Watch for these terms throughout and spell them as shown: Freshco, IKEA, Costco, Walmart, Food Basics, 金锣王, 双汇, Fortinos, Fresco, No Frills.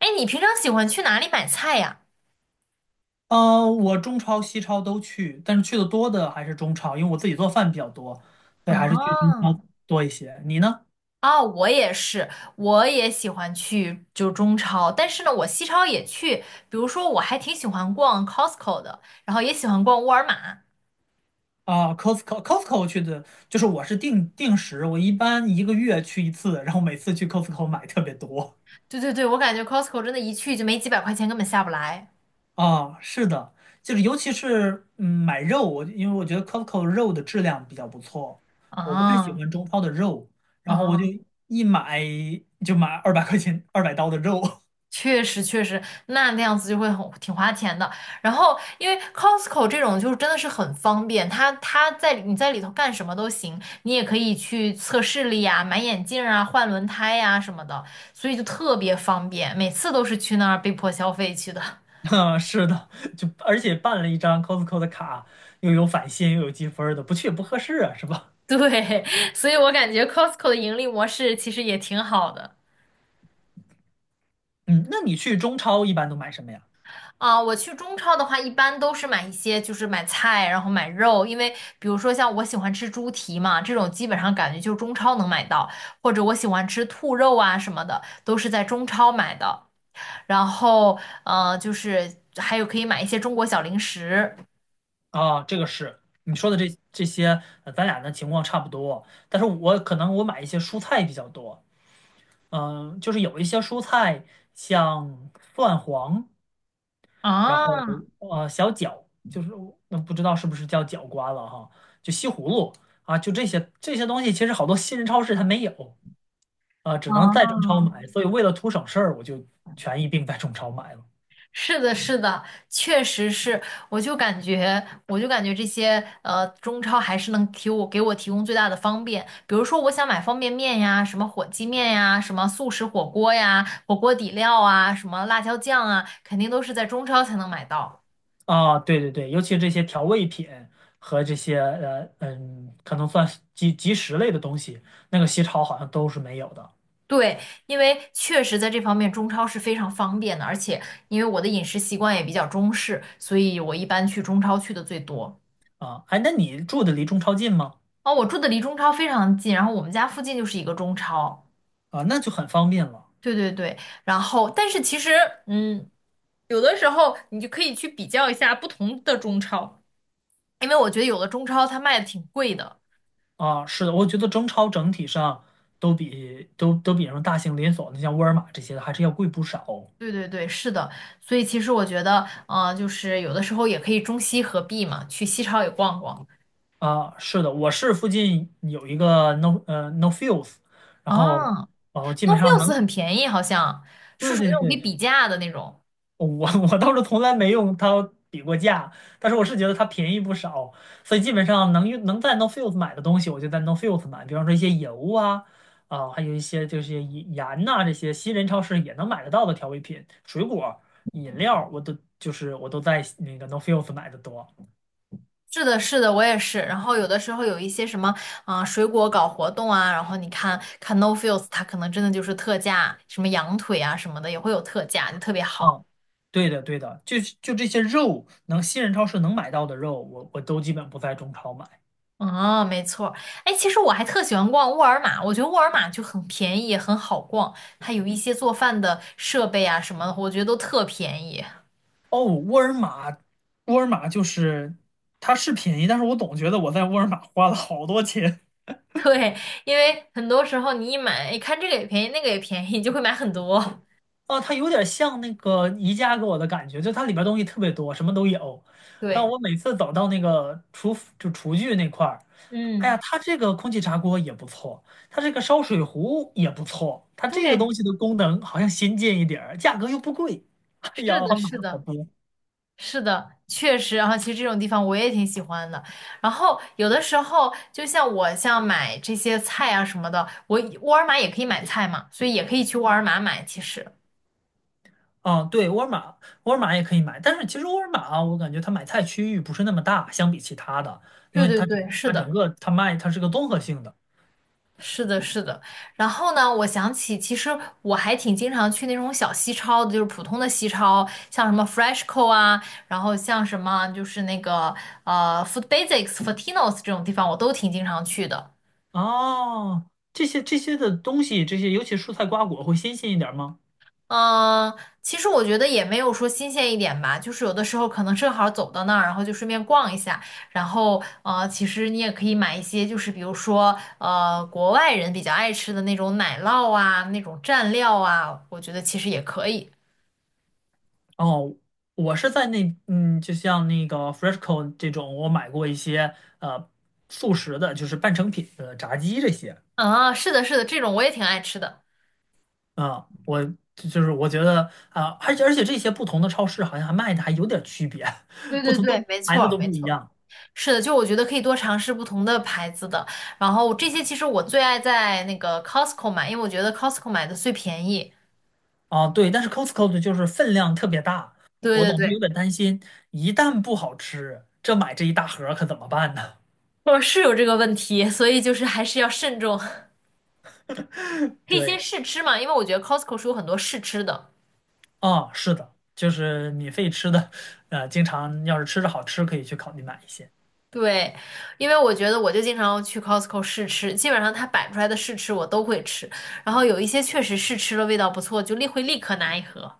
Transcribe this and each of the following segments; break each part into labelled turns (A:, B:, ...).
A: 哎，你平常喜欢去哪里买菜呀？
B: 我中超、西超都去，但是去的多的还是中超，因为我自己做饭比较多，所以还是去中
A: 啊，
B: 超多一些。你呢？
A: 哦，我也是，我也喜欢去就中超，但是呢，我西超也去，比如说我还挺喜欢逛 Costco 的，然后也喜欢逛沃尔玛。
B: 啊，Costco 去的，就是我是定时，我一般一个月去一次，然后每次去 Costco 买特别多。
A: 对对对，我感觉 Costco 真的，一去就没几百块钱，根本下不来。
B: 啊，是的，就是尤其是买肉，因为我觉得 Costco 肉的质量比较不错，我不太喜
A: 啊
B: 欢中超的肉，然后我就
A: 啊！
B: 一买就买200块钱200刀的肉，
A: 确实确实，那样子就会很挺花钱的。然后，因为 Costco 这种就是真的是很方便，它在你在里头干什么都行，你也可以去测视力呀、买眼镜啊、换轮胎呀、什么的，所以就特别方便。每次都是去那儿被迫消费去的，
B: 啊，是的，就而且办了一张 Costco 的卡，又有返现又有积分儿的，不去也不合适啊，是吧？
A: 对，所以我感觉 Costco 的盈利模式其实也挺好的。
B: 嗯，那你去中超一般都买什么呀？
A: 啊，我去中超的话，一般都是买一些，就是买菜，然后买肉，因为比如说像我喜欢吃猪蹄嘛，这种基本上感觉就是中超能买到，或者我喜欢吃兔肉啊什么的，都是在中超买的。然后，就是还有可以买一些中国小零食
B: 啊，这个是你说的这些，咱俩的情况差不多，但是我可能我买一些蔬菜比较多，就是有一些蔬菜像蒜黄，然后
A: 啊
B: 小角，就是那不知道是不是叫角瓜了哈，就西葫芦啊，就这些东西，其实好多新人超市它没有。啊，只能在中超
A: 啊，
B: 买，所以为了图省事儿，我就全一并在中超买了。
A: 是的，是的，确实是，我就感觉，我就感觉这些中超还是我给我提供最大的方便。比如说，我想买方便面呀，什么火鸡面呀，什么速食火锅呀，火锅底料啊，什么辣椒酱啊，肯定都是在中超才能买到。
B: 啊，对对对，尤其这些调味品和这些可能算是即食类的东西，那个西超好像都是没有的
A: 对，因为确实在这方面中超是非常方便的，而且因为我的饮食习惯也比较中式，所以我一般去中超去的最多。
B: 啊。哎，那你住的离中超近吗？
A: 哦，我住的离中超非常近，然后我们家附近就是一个中超。
B: 啊，那就很方便了
A: 对对对，然后但是其实，嗯，有的时候你就可以去比较一下不同的中超，因为我觉得有的中超它卖的挺贵的。
B: 啊。是的，我觉得中超整体上都比什么大型连锁的，像沃尔玛这些的还是要贵不少
A: 对对对，是的，所以其实我觉得，就是有的时候也可以中西合璧嘛，去西超也逛逛。
B: 啊。是的，我市附近有一个 No Frills，然后
A: 啊
B: 然后基
A: n
B: 本
A: o f i e
B: 上
A: l s
B: 能。
A: 很便宜，好像是
B: 对
A: 属于
B: 对
A: 那种可以
B: 对，
A: 比价的那种。
B: 我我倒是从来没用它比过价，但是我是觉得它便宜不少，所以基本上能在 n o f i e l d 买的东西，我就在 n o f i e l d 买，比方说一些油啊，啊，还有一些就是盐呐、这些新人超市也能买得到的调味品、水果、饮料，我都在那个 n o f i e l d 买的多。
A: 是的，是的，我也是。然后有的时候有一些什么，啊、水果搞活动啊，然后你看看 No Frills，它可能真的就是特价，什么羊腿啊什么的也会有特价，就特别好。
B: 嗯，对的对的，就是就这些肉能新人超市能买到的肉，我都基本不在中超买。
A: 嗯，没错儿。哎，其实我还特喜欢逛沃尔玛，我觉得沃尔玛就很便宜，也很好逛，它有一些做饭的设备啊什么的，我觉得都特便宜。
B: 哦，沃尔玛就是它是便宜，但是我总觉得我在沃尔玛花了好多钱。
A: 对，因为很多时候你一买，一看这个也便宜，那个也便宜，你就会买很多。
B: 哦，它有点像那个宜家给我的感觉，就它里边东西特别多，什么都有。然后
A: 对，
B: 我每次走到那个厨具那块儿，哎呀，
A: 嗯，
B: 它这个空气炸锅也不错，它这个烧水壶也不错，它这个东
A: 对，
B: 西的功能好像先进一点儿，价格又不贵。哎呀，
A: 是
B: 我
A: 的，
B: 买
A: 是
B: 了好
A: 的。
B: 多。
A: 是的，确实，然后其实这种地方我也挺喜欢的。然后有的时候，就像我像买这些菜啊什么的，我沃尔玛也可以买菜嘛，所以也可以去沃尔玛买。其实，
B: 啊，对，沃尔玛也可以买，但是其实沃尔玛啊，我感觉它买菜区域不是那么大，相比其他的，因
A: 对
B: 为
A: 对
B: 它
A: 对，是
B: 它整
A: 的，
B: 个它是个综合性的。
A: 是的，是的。然后呢，我想起其实我还挺经常去那种小西超的，就是普通的西超，像什么 Freshco 啊，然后像什么就是那个Food Basics、Fortinos 这种地方，我都挺经常去的。
B: 哦，这些的东西，这些尤其蔬菜瓜果会新鲜一点吗？
A: 嗯，其实我觉得也没有说新鲜一点吧，就是有的时候可能正好走到那儿，然后就顺便逛一下，然后其实你也可以买一些，就是比如说国外人比较爱吃的那种奶酪啊，那种蘸料啊，我觉得其实也可以。
B: 哦，我是在那就像那个 Fresco h 这种，我买过一些呃速食的，就是半成品的炸鸡这些。
A: 嗯啊，是的，是的，这种我也挺爱吃的。
B: 啊，我就是我觉得啊，而且这些不同的超市好像还卖的还有点区别，
A: 对
B: 不
A: 对
B: 同的
A: 对，没
B: 牌
A: 错
B: 子
A: 儿
B: 都不
A: 没
B: 一
A: 错儿，
B: 样
A: 是的，就我觉得可以多尝试不同的牌子的，然后这些其实我最爱在那个 Costco 买，因为我觉得 Costco 买的最便宜。
B: 啊。对，但是 Costco 的就是分量特别大，
A: 对
B: 我总
A: 对
B: 是有
A: 对。
B: 点担心，一旦不好吃，这一大盒儿可怎么办呢？
A: 我是有这个问题，所以就是还是要慎重。可以先
B: 对，
A: 试吃嘛，因为我觉得 Costco 是有很多试吃的。
B: 啊，是的，就是免费吃的，经常要是吃着好吃，可以去考虑买一些
A: 对，因为我觉得我就经常去 Costco 试吃，基本上它摆出来的试吃我都会吃，然后有一些确实试吃了味道不错，就立刻拿一盒。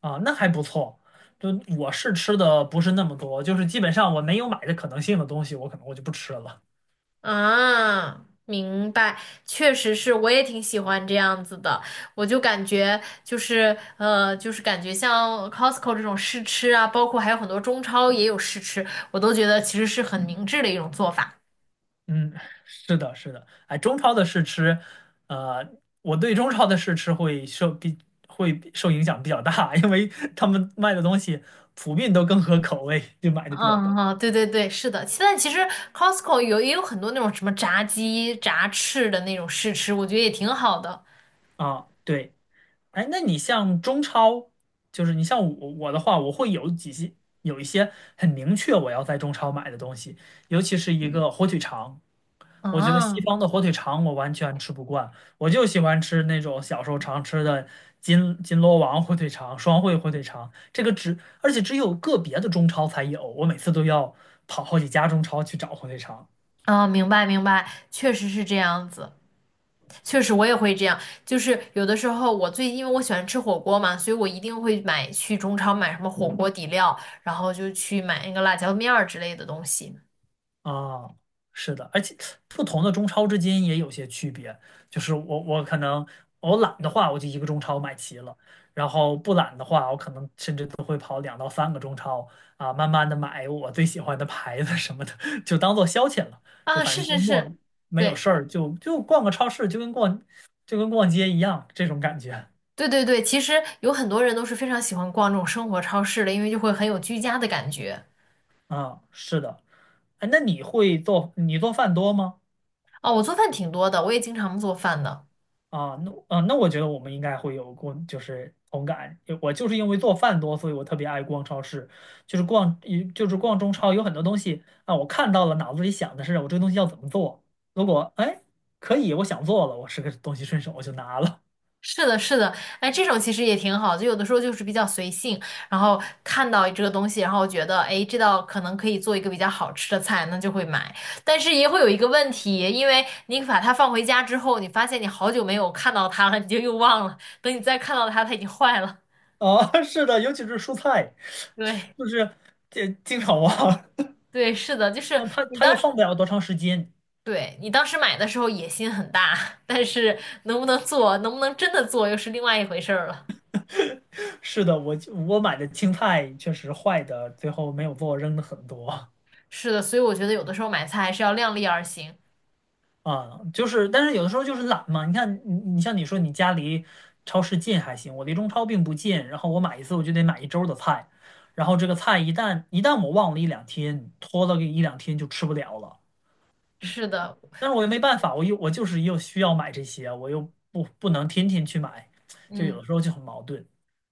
B: 啊，那还不错。就我是吃的不是那么多，就是基本上我没有买的可能性的东西，我可能我就不吃了。
A: 啊，明白，确实是，我也挺喜欢这样子的。我就感觉就是就是感觉像 Costco 这种试吃啊，包括还有很多中超也有试吃，我都觉得其实是很明智的一种做法。
B: 嗯，是的，是的，哎，中超的试吃，呃，我对中超的试吃会比受影响比较大，因为他们卖的东西普遍都更合口味，就买的比较
A: 嗯
B: 多
A: 嗯，对对对，是的。现在其实 Costco 也有很多那种什么炸鸡、炸翅的那种试吃，我觉得也挺好的。
B: 啊。对，哎，那你像中超，就是你像我的话，我会有一些很明确我要在中超买的东西，尤其是一个火腿肠。我觉得西
A: 嗯
B: 方的火腿肠我完全吃不惯，我就喜欢吃那种小时候常吃的金锣王火腿肠、双汇火腿肠。这个而且只有个别的中超才有，我每次都要跑好几家中超去找火腿肠。
A: 嗯，明白明白，确实是这样子。确实我也会这样，就是有的时候因为我喜欢吃火锅嘛，所以我一定会去中超买什么火锅底料，然后就去买那个辣椒面儿之类的东西。
B: 啊，是的，而且不同的中超之间也有些区别。就是我可能我懒的话，我就一个中超买齐了；然后不懒的话，我可能甚至都会跑两到三个中超啊，慢慢的买我最喜欢的牌子什么的，就当做消遣了。就
A: 啊，
B: 反正
A: 是是
B: 周末
A: 是，
B: 没有
A: 对
B: 事儿，就逛个超市，就跟逛街一样这种感觉
A: 对对对，其实有很多人都是非常喜欢逛这种生活超市的，因为就会很有居家的感觉。
B: 啊。是的，哎，那你会做你做饭多吗？
A: 哦，我做饭挺多的，我也经常做饭的。
B: 啊，那啊，那我觉得我们应该会有就是同感。因为我就是因为做饭多，所以我特别爱逛超市，就是逛，就是逛中超，有很多东西啊，我看到了，脑子里想的是我这个东西要怎么做。如果哎可以，我想做了，我是个东西顺手我就拿了。
A: 是的，是的，哎，这种其实也挺好，就有的时候就是比较随性，然后看到这个东西，然后觉得，哎，这道可能可以做一个比较好吃的菜，那就会买。但是也会有一个问题，因为你把它放回家之后，你发现你好久没有看到它了，你就又忘了。等你再看到它，它已经坏了。
B: 啊，是的，尤其是蔬菜，
A: 对，
B: 就是这经常忘，
A: 对，是的，就是
B: 那它
A: 你
B: 它又
A: 当时，
B: 放不了多长时间。
A: 对，你当时买的时候野心很大，但是能不能做，能不能真的做，又是另外一回事儿了。
B: 是的，我买的青菜确实坏的，最后没有做，扔的很多。
A: 是的，所以我觉得有的时候买菜还是要量力而行。
B: 啊，就是，但是有的时候就是懒嘛。你看，你像你说，你家离超市近还行，我离中超并不近。然后我买一次，我就得买一周的菜，然后这个菜一旦我忘了一两天，拖了个一两天就吃不了了。
A: 是的，
B: 但是我又没办法，我就是又需要买这些，我又不能天天去买，就有
A: 嗯，
B: 的时候就很矛盾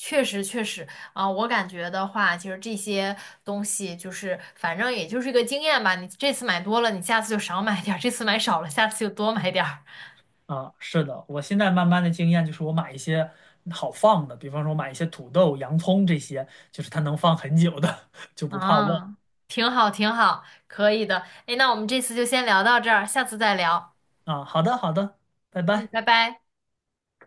A: 确实确实啊，我感觉的话，就是这些东西就是反正也就是一个经验吧。你这次买多了，你下次就少买点儿；这次买少了，下次就多买点儿。
B: 啊。是的，我现在慢慢的经验就是我买一些好放的，比方说我买一些土豆、洋葱这些，就是它能放很久的，就不怕忘。
A: 啊，挺好挺好，可以的。哎，那我们这次就先聊到这儿，下次再聊。
B: 啊，好的好的，拜
A: 嗯，
B: 拜。
A: 拜拜。